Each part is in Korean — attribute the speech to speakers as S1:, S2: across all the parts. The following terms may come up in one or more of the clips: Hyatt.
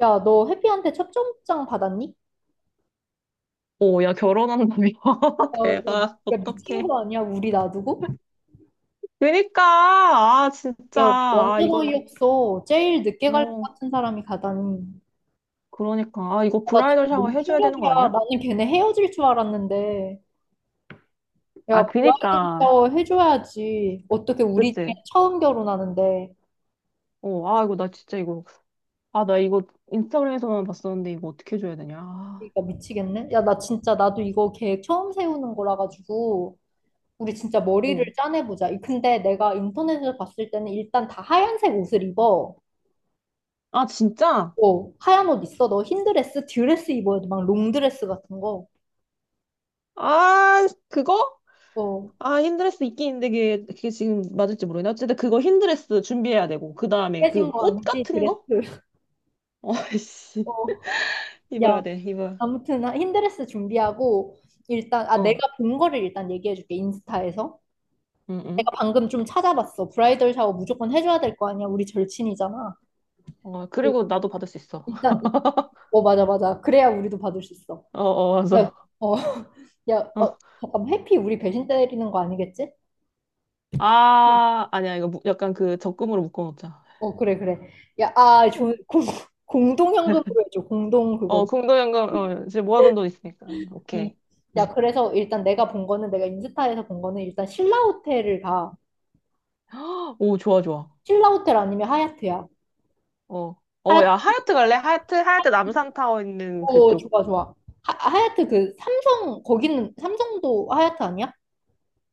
S1: 야, 너 해피한테 첫점장 받았니?
S2: 오, 야, 결혼한다며.
S1: 야, 야,
S2: 대박.
S1: 야, 미친
S2: 어떡해.
S1: 거 아니야? 우리 놔두고?
S2: 그니까, 진짜.
S1: 야, 완전 어이없어. 제일 늦게 갈 것
S2: 어,
S1: 같은 사람이 가다니.
S2: 그러니까. 아, 이거
S1: 야, 나 지금
S2: 브라이덜 샤워
S1: 너무
S2: 해줘야 되는 거
S1: 충격이야.
S2: 아니야?
S1: 나는 걔네 헤어질 줄 알았는데. 야,
S2: 아,
S1: 브라이덜
S2: 그니까.
S1: 샤워 해줘야지. 어떻게 우리 중에
S2: 그치?
S1: 처음 결혼하는데.
S2: 이거 나 진짜 이거. 아, 나 이거 인스타그램에서만 봤었는데 이거 어떻게 해줘야 되냐. 아,
S1: 그러니까 미치겠네. 야, 나 진짜 나도 이거 계획 처음 세우는 거라 가지고. 우리 진짜 머리를
S2: 어.
S1: 짜내보자. 근데 내가 인터넷에서 봤을 때는 일단 다 하얀색 옷을 입어.
S2: 아, 진짜?
S1: 어, 하얀 옷 있어. 너 흰 드레스 입어야 돼. 막 롱드레스 같은 거.
S2: 아, 그거?
S1: 어,
S2: 아, 흰드레스 있긴 있는데 그게 지금 맞을지 모르겠네. 어쨌든 그거 흰드레스 준비해야 되고. 그 다음에
S1: 깨진
S2: 그
S1: 거
S2: 꽃
S1: 아니지?
S2: 같은
S1: 드레스.
S2: 거? 어, 씨.
S1: 어, 야,
S2: 입어야 돼, 입어.
S1: 아무튼 나 흰 드레스 준비하고 일단 아 내가
S2: 어,
S1: 본 거를 일단 얘기해 줄게. 인스타에서.
S2: 응,
S1: 내가
S2: 응.
S1: 방금 좀 찾아봤어. 브라이덜 샤워 무조건 해줘야 될 거 아니야. 우리 절친이잖아.
S2: 어,
S1: 그,
S2: 그리고 나도 받을 수 있어.
S1: 일단 어 맞아 맞아. 그래야 우리도 받을 수 있어.
S2: 어, 어,
S1: 야,
S2: 맞아.
S1: 어, 야, 어,
S2: 어.
S1: 잠깐 해피 우리 배신 때리는 거 아니겠지?
S2: 아, 아니야. 약간 그 적금으로 묶어놓자.
S1: 어 그래 그래. 야, 아, 공동현금으로 해줘. 공동
S2: 어,
S1: 그거.
S2: 공동연금, 어, 이제 모아둔 돈 있으니까.
S1: 음.
S2: 오케이. 네.
S1: 야, 그래서 일단 내가 본 거는 내가 인스타에서 본 거는 일단 신라 호텔을 가.
S2: 오, 좋아, 좋아.
S1: 신라 호텔 아니면 하얏트야.
S2: 어. 어, 야,
S1: 하얏트
S2: 하얏트 갈래? 하얏트 남산타워 있는
S1: 오,
S2: 그쪽.
S1: 좋아 좋아. 하얏트 그 삼성 거기는 삼성도 하얏트 아니야?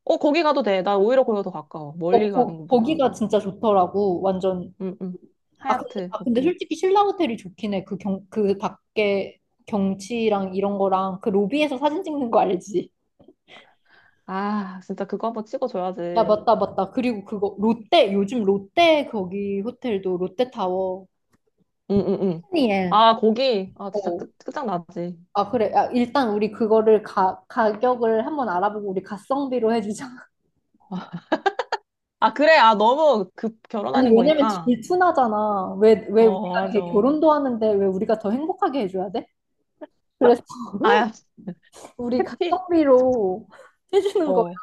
S2: 어, 거기 가도 돼. 나 오히려 거기가 더 가까워.
S1: 어,
S2: 멀리 가는 것보다.
S1: 거기가 진짜 좋더라고. 완전
S2: 응, 응.
S1: 아 근데,
S2: 하얏트,
S1: 아, 근데
S2: 오케이.
S1: 솔직히 신라 호텔이 좋긴 해. 그 밖에 경치랑 이런 거랑 그 로비에서 사진 찍는 거 알지?
S2: 아, 진짜 그거 한번 찍어줘야지.
S1: 야,
S2: 응,
S1: 맞다, 맞다. 그리고 그거, 롯데, 요즘 롯데 거기 호텔도 롯데타워.
S2: 응, 응.
S1: 푸니엘.
S2: 아, 거기. 아, 진짜
S1: 어,
S2: 끝, 끝장나지.
S1: 아, 그래. 아, 일단 우리 그거를 가격을 한번 알아보고 우리 가성비로 해주자.
S2: 아, 그래. 아, 너무 급
S1: 아니,
S2: 결혼하는
S1: 왜냐면
S2: 거니까.
S1: 질투나잖아. 왜
S2: 어,
S1: 우리가 걔
S2: 맞아.
S1: 결혼도 하는데 왜 우리가 더 행복하게 해줘야 돼? 그래서
S2: 아야,
S1: 우리
S2: 해피.
S1: 가성비로 해주는 거야.
S2: 어.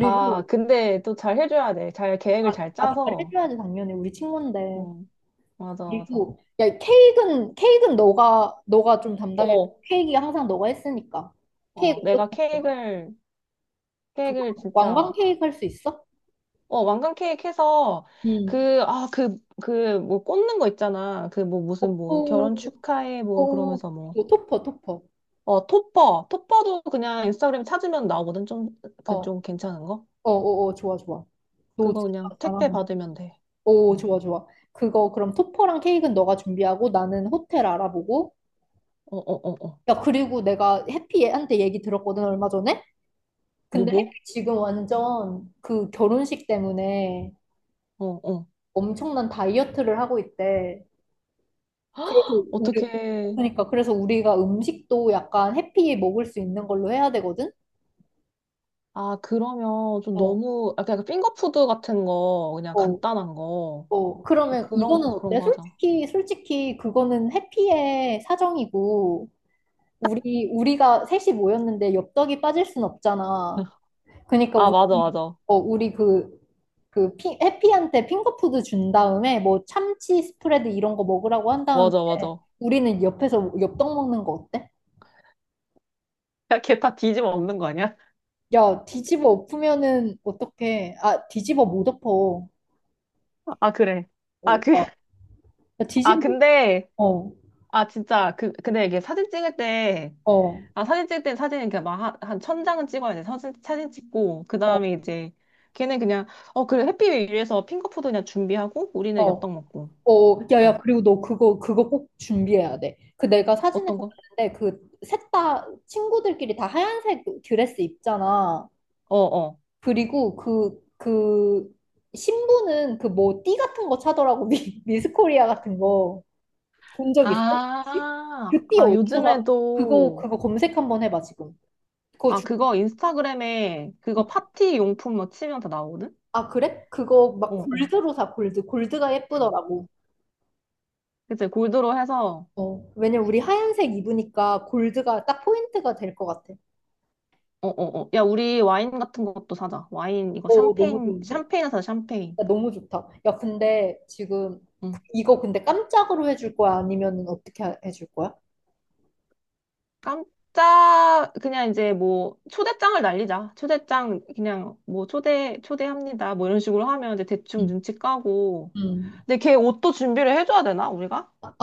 S2: 아, 근데 또 잘 해줘야 돼. 잘 계획을
S1: 아,
S2: 잘
S1: 아,
S2: 짜서.
S1: 잘해줘야지, 당연히. 우리 친구인데.
S2: 응, 맞아, 맞아.
S1: 그리고, 야, 케이크는 너가 좀 담당해.
S2: 어,
S1: 케이크 항상 너가 했으니까. 케이크
S2: 어,
S1: 어떻게
S2: 내가
S1: 할 거야?
S2: 케이크를
S1: 그거 왕관
S2: 진짜,
S1: 케이크 할 수 있어?
S2: 어, 왕관 케이크 해서,
S1: 응. 음.
S2: 꽂는 거 있잖아.
S1: 어,
S2: 결혼
S1: 오,
S2: 축하해, 뭐, 그러면서 뭐.
S1: 오, 토퍼, 토퍼.
S2: 어, 톱버. 톱버도 그냥 인스타그램 찾으면 나오거든. 좀,
S1: 어,
S2: 그,
S1: 어,
S2: 좀 괜찮은 거?
S1: 어, 어, 좋아, 좋아. 너
S2: 그거
S1: 진짜
S2: 그냥 택배
S1: 잘하네.
S2: 받으면 돼.
S1: 오,
S2: 어,
S1: 좋아, 좋아. 그거, 그럼 토퍼랑 케이크는 너가 준비하고 나는 호텔 알아보고.
S2: 어, 어, 어, 어.
S1: 야, 그리고 내가 해피한테 얘기 들었거든, 얼마 전에?
S2: 뭐,
S1: 근데
S2: 뭐?
S1: 해피 지금 완전 그 결혼식 때문에
S2: 어, 어.
S1: 엄청난 다이어트를 하고 있대. 그래서 우리,
S2: 어떻게,
S1: 그러니까, 그래서 우리가 음식도 약간 해피 먹을 수 있는 걸로 해야 되거든?
S2: 아, 그러면 좀
S1: 어,
S2: 너무, 약간 핑거푸드 같은 거, 그냥
S1: 어.
S2: 간단한 거.
S1: 어, 그러면
S2: 그런,
S1: 이거는
S2: 그런
S1: 어때?
S2: 거 하자.
S1: 솔직히 그거는 해피의 사정이고, 우리가 셋이 모였는데 엽떡이 빠질 순 없잖아. 그러니까
S2: 아, 맞아,
S1: 우리,
S2: 맞아.
S1: 어, 우리 그, 해피한테 핑거푸드 준 다음에 뭐 참치 스프레드 이런 거 먹으라고 한 다음에
S2: 맞아, 맞아.
S1: 우리는 옆에서 엽떡 먹는 거 어때?
S2: 야, 걔 다 뒤집어 엎는 거 아니야?
S1: 야, 뒤집어 엎으면은 어떡해. 아, 뒤집어 못 엎어.
S2: 아, 그래.
S1: 어,
S2: 아, 그,
S1: 야, 야,
S2: 아,
S1: 뒤집어,
S2: 근데,
S1: 어,
S2: 아, 진짜, 그, 근데 이게 사진 찍을 때,
S1: 어,
S2: 아, 사진 찍을 때 사진은 그냥 막 한 천 장은 찍어야 돼. 사진 찍고, 그
S1: 어,
S2: 다음에 이제, 걔는 그냥, 어, 그래, 햇빛 위에서 핑거푸드 그냥 준비하고, 우리는
S1: 어.
S2: 엽떡 먹고.
S1: 어, 야, 야,
S2: 어,
S1: 그리고 너 그거, 그거 꼭 준비해야 돼. 그 내가 사진에서
S2: 어떤 거?
S1: 봤는데, 그, 셋 다 친구들끼리 다 하얀색 드레스 입잖아.
S2: 어, 어.
S1: 그리고 그, 그, 신부는 그 뭐, 띠 같은 거 차더라고. 미스 코리아 같은 거. 본 적 있어? 혹시? 그 띠 어디서 사? 그거,
S2: 요즘에도,
S1: 그거 검색 한번 해봐, 지금. 그거
S2: 아,
S1: 주...
S2: 그거 인스타그램에 그거 파티 용품 뭐 치면 다 나오거든?
S1: 아, 그래? 그거 막
S2: 어, 어.
S1: 골드로 사, 골드. 골드가 예쁘더라고.
S2: 그치, 골드로 해서,
S1: 어, 왜냐면 우리 하얀색 입으니까 골드가 딱 포인트가 될 것 같아.
S2: 어, 어, 어. 야, 우리 와인 같은 것도 사자.
S1: 오, 너무 좋은데?
S2: 샴페인을 사자, 샴페인.
S1: 야, 너무 좋다. 야, 근데 지금
S2: 응.
S1: 이거 근데 깜짝으로 해줄 거야? 아니면 해줄 거야?
S2: 깜짝, 그냥 이제 뭐, 초대장을 날리자. 초대장, 그냥 뭐, 초대, 초대합니다. 뭐 이런 식으로 하면 이제 대충
S1: 응.
S2: 눈치 까고.
S1: 음.
S2: 근데 걔 옷도 준비를 해줘야 되나, 우리가?
S1: 아,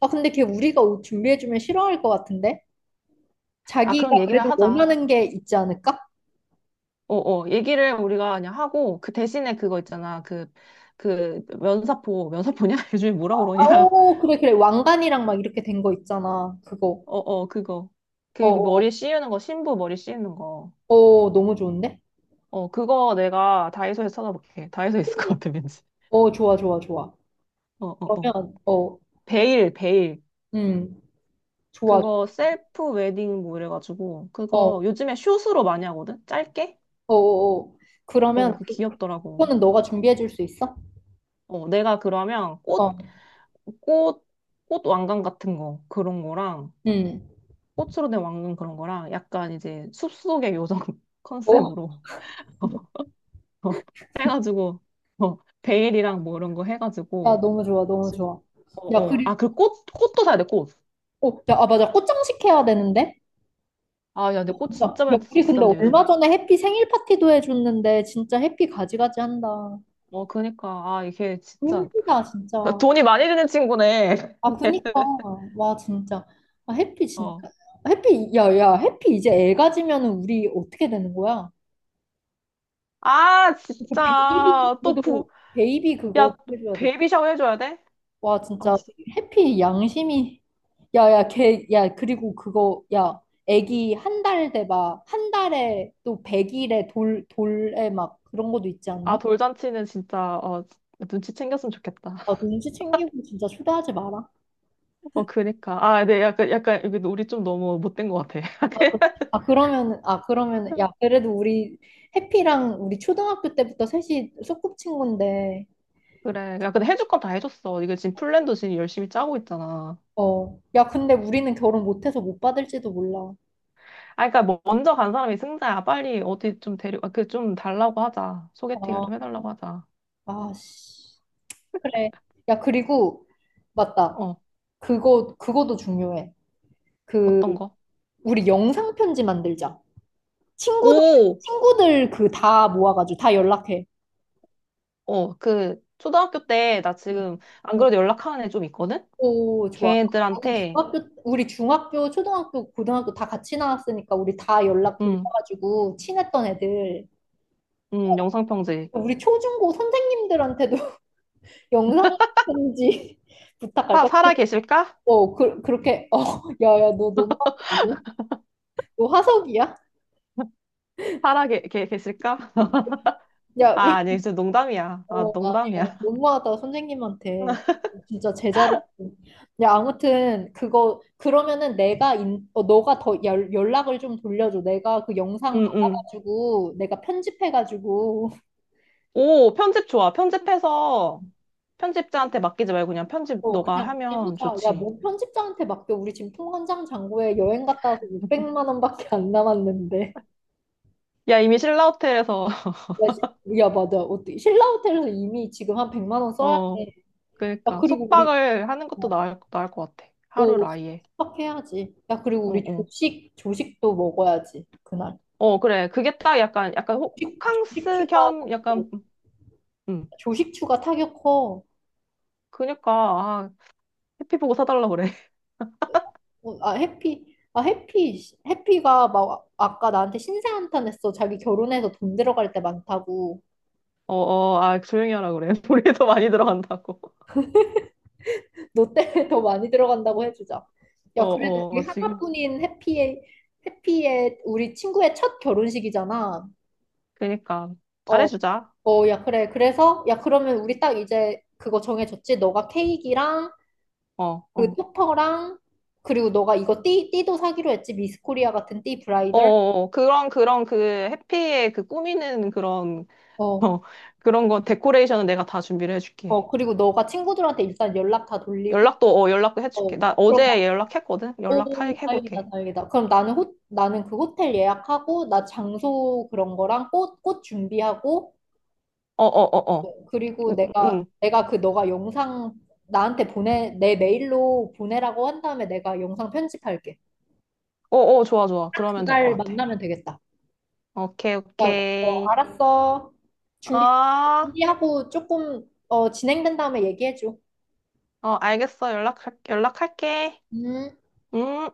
S1: 아, 근데 걔 우리가 옷 준비해주면 싫어할 것 같은데?
S2: 아,
S1: 자기가
S2: 그런 얘기를
S1: 그래도
S2: 하자.
S1: 원하는 게 있지 않을까?
S2: 어어 얘기를 우리가 그냥 하고 그 대신에 그거 있잖아 그 면사포냐 요즘에 뭐라
S1: 아,
S2: 그러냐
S1: 오, 그래, 그래. 왕관이랑 막 이렇게 된 거 있잖아. 그거.
S2: 어어 그거 그
S1: 어, 어,
S2: 머리에 씌우는 거 신부 머리 씌우는 거
S1: 어, 너무 좋은데?
S2: 어 그거 내가 다이소에서 찾아볼게. 다이소에 있을 것 같아 왠지.
S1: 어, 좋아, 좋아, 좋아.
S2: 어어어
S1: 그러면, 어,
S2: 베일 베일.
S1: 음, 좋아.
S2: 그거 셀프 웨딩 뭐 이래가지고
S1: 어,
S2: 그거
S1: 어,
S2: 요즘에 숏으로 많이 하거든, 짧게.
S1: 어, 어.
S2: 어
S1: 그러면
S2: 그
S1: 그,
S2: 귀엽더라고.
S1: 그거는 너가 준비해줄 수 있어?
S2: 어 내가 그러면 꽃,
S1: 어,
S2: 꽃, 꽃 왕관 같은 거 그런 거랑
S1: 음.
S2: 꽃으로 된 왕관 그런 거랑 약간 이제 숲속의 요정
S1: 어,
S2: 컨셉으로 해가지고 어, 베일이랑 뭐 이런 거
S1: 야,
S2: 해가지고.
S1: 너무 좋아, 너무 좋아. 야,
S2: 어어
S1: 그리고,
S2: 아 그 꽃 꽃도 사야 돼 꽃.
S1: 어, 야, 아, 맞아. 꽃장식 해야 되는데?
S2: 아 야 근데 꽃
S1: 진짜.
S2: 진짜
S1: 야,
S2: 많이
S1: 우리 근데
S2: 비싼데
S1: 얼마
S2: 요즘에.
S1: 전에 해피 생일 파티도 해줬는데, 진짜 해피 가지가지 한다.
S2: 어 그니까 아 이게 진짜
S1: 힘들다, 진짜.
S2: 돈이 많이 드는 친구네.
S1: 아, 그니까. 와, 진짜. 아, 해피, 진짜.
S2: 어.
S1: 해피, 야, 야, 해피 이제 애 가지면은 우리 어떻게 되는 거야?
S2: 아
S1: 그 베이비,
S2: 진짜 또 부
S1: 그래도 베이비 그거
S2: 야
S1: 해줘야 돼.
S2: 베이비 샤워 해줘야 돼?
S1: 와,
S2: 아
S1: 진짜
S2: 진짜.
S1: 해피 양심이. 야, 야, 걔, 야, 그리고 그거, 야, 애기 한 달 돼 막, 한 달에 또 100일에 돌에 막 그런 것도 있지
S2: 아
S1: 않니?
S2: 돌잔치는 진짜 어 눈치 챙겼으면 좋겠다.
S1: 아, 눈치 챙기고 진짜 초대하지 마라.
S2: 어, 그니까. 아, 네, 약간, 이게 우리 좀 너무 못된 것 같아.
S1: 아, 아 그러면, 아, 그러면, 야, 그래도 우리 해피랑 우리 초등학교 때부터 셋이 소꿉친구인데,
S2: 그래. 야, 근데 해줄 건 다 해줬어. 이거 지금 플랜도 지금 열심히 짜고 있잖아.
S1: 어, 야, 근데 우리는 결혼 못해서 못 받을지도 몰라.
S2: 아, 그니까, 먼저 간 사람이 승자야. 빨리 어디 좀 데리고, 아, 그 좀 달라고 하자. 소개팅을
S1: 아,
S2: 좀 해달라고 하자.
S1: 아, 씨. 그래. 야, 그리고, 맞다.
S2: 어,
S1: 그거도 중요해. 그,
S2: 어떤 거?
S1: 우리 영상 편지 만들자. 친구들,
S2: 오!
S1: 친구들 그 다 모아가지고 다 연락해.
S2: 어, 그, 초등학교 때, 나 지금, 안
S1: 어,
S2: 그래도 연락하는 애 좀 있거든?
S1: 오, 좋아. 나는
S2: 걔들한테,
S1: 중학교, 우리 중학교, 초등학교, 고등학교 다 같이 나왔으니까 우리 다 연락
S2: 음,
S1: 돌려가지고 친했던 애들.
S2: 영상편지.
S1: 우리 초중고 선생님들한테도 영상 편지 부탁할까?
S2: 살아 계실까?
S1: 어, 그, 그렇게, 어, 야, 야, 너 너무 나쁘다고? 너 화석이야?
S2: 계실까?
S1: 야,
S2: 아, 아니, 진짜 농담이야.
S1: 어,
S2: 아,
S1: 아, 예.
S2: 농담이야.
S1: 너무하다, 선생님한테. 진짜 제자로. 야, 아무튼, 그거, 그러면은 너가 더 연락을 좀 돌려줘. 내가 그 영상
S2: 응, 응.
S1: 받아가지고, 내가 편집해가지고,
S2: 오, 편집 좋아. 편집해서 편집자한테 맡기지 말고 그냥 편집
S1: 어,
S2: 너가
S1: 그냥
S2: 하면
S1: 하자. 야,
S2: 좋지.
S1: 뭐 편집자한테 맡겨. 우리 지금 통관장 잔고에 여행 갔다 와서 600만 원밖에 안 남았는데.
S2: 야, 이미 신라호텔에서,
S1: 야, 맞아. 어떻게, 신라 호텔에서 이미 지금 한 100만 원 써야
S2: 어,
S1: 돼. 야,
S2: 그러니까
S1: 그리고 우리,
S2: 숙박을 하는 것도
S1: 어,
S2: 나을 것 같아. 하루를
S1: 오,
S2: 아예.
S1: 숙박해야지. 야, 그리고 우리
S2: 어, 어.
S1: 조식, 조식도 먹어야지, 그날.
S2: 어, 그래. 그게 딱 약간, 약간
S1: 조식
S2: 호캉스
S1: 추가,
S2: 겸 약간, 음.
S1: 조식 추가 타격 커.
S2: 그니까, 아, 해피 보고 사달라 그래.
S1: 어, 아, 해피. 아, 해피. 해피가 막 아까 나한테 신세 한탄했어. 자기 결혼해서 돈 들어갈 때 많다고.
S2: 어, 어, 아, 조용히 하라 그래. 우리도 많이 들어간다고.
S1: 너 때문에 더 많이 들어간다고 해주자.
S2: 어,
S1: 야, 그래도 우리
S2: 어, 지금.
S1: 하나뿐인 해피의, 해피의 우리 친구의 첫 결혼식이잖아.
S2: 그니까.
S1: 어,
S2: 잘해주자.
S1: 어, 야, 그래. 그래서, 야, 그러면 우리 딱 이제 그거 정해졌지? 너가 케이크랑
S2: 어,
S1: 그
S2: 어.
S1: 토퍼랑 그리고 너가 이거 띠 띠도 사기로 했지. 미스코리아 같은 띠
S2: 어,
S1: 브라이덜
S2: 어, 어. 그런, 그런 그 해피의 그 꾸미는 그런, 어,
S1: 어
S2: 그런 거, 데코레이션은 내가 다 준비를 해줄게.
S1: 어 그리고 너가 친구들한테 일단 연락 다 돌리고
S2: 연락도, 어, 연락도 해줄게.
S1: 어
S2: 나
S1: 그럼
S2: 어제 연락했거든?
S1: 나오
S2: 연락해볼게.
S1: 다행이다 다행이다. 그럼 나는 호 나는 그 호텔 예약하고 나 장소 그런 거랑 꽃 준비하고
S2: 어, 어, 어, 어.
S1: 그리고
S2: 응, 응. 응.
S1: 내가 그 너가 영상 나한테 보내 내 메일로 보내라고 한 다음에 내가 영상 편집할게.
S2: 어, 어, 좋아, 좋아. 그러면 될 것
S1: 그날
S2: 같아.
S1: 만나면 되겠다.
S2: 오케이,
S1: 그러니까 어,
S2: 오케이.
S1: 알았어.
S2: 어,
S1: 준비,
S2: 어,
S1: 준비하고 조금, 어, 진행된 다음에 얘기해줘.
S2: 알겠어. 연락, 연락할게.
S1: 음.
S2: 음.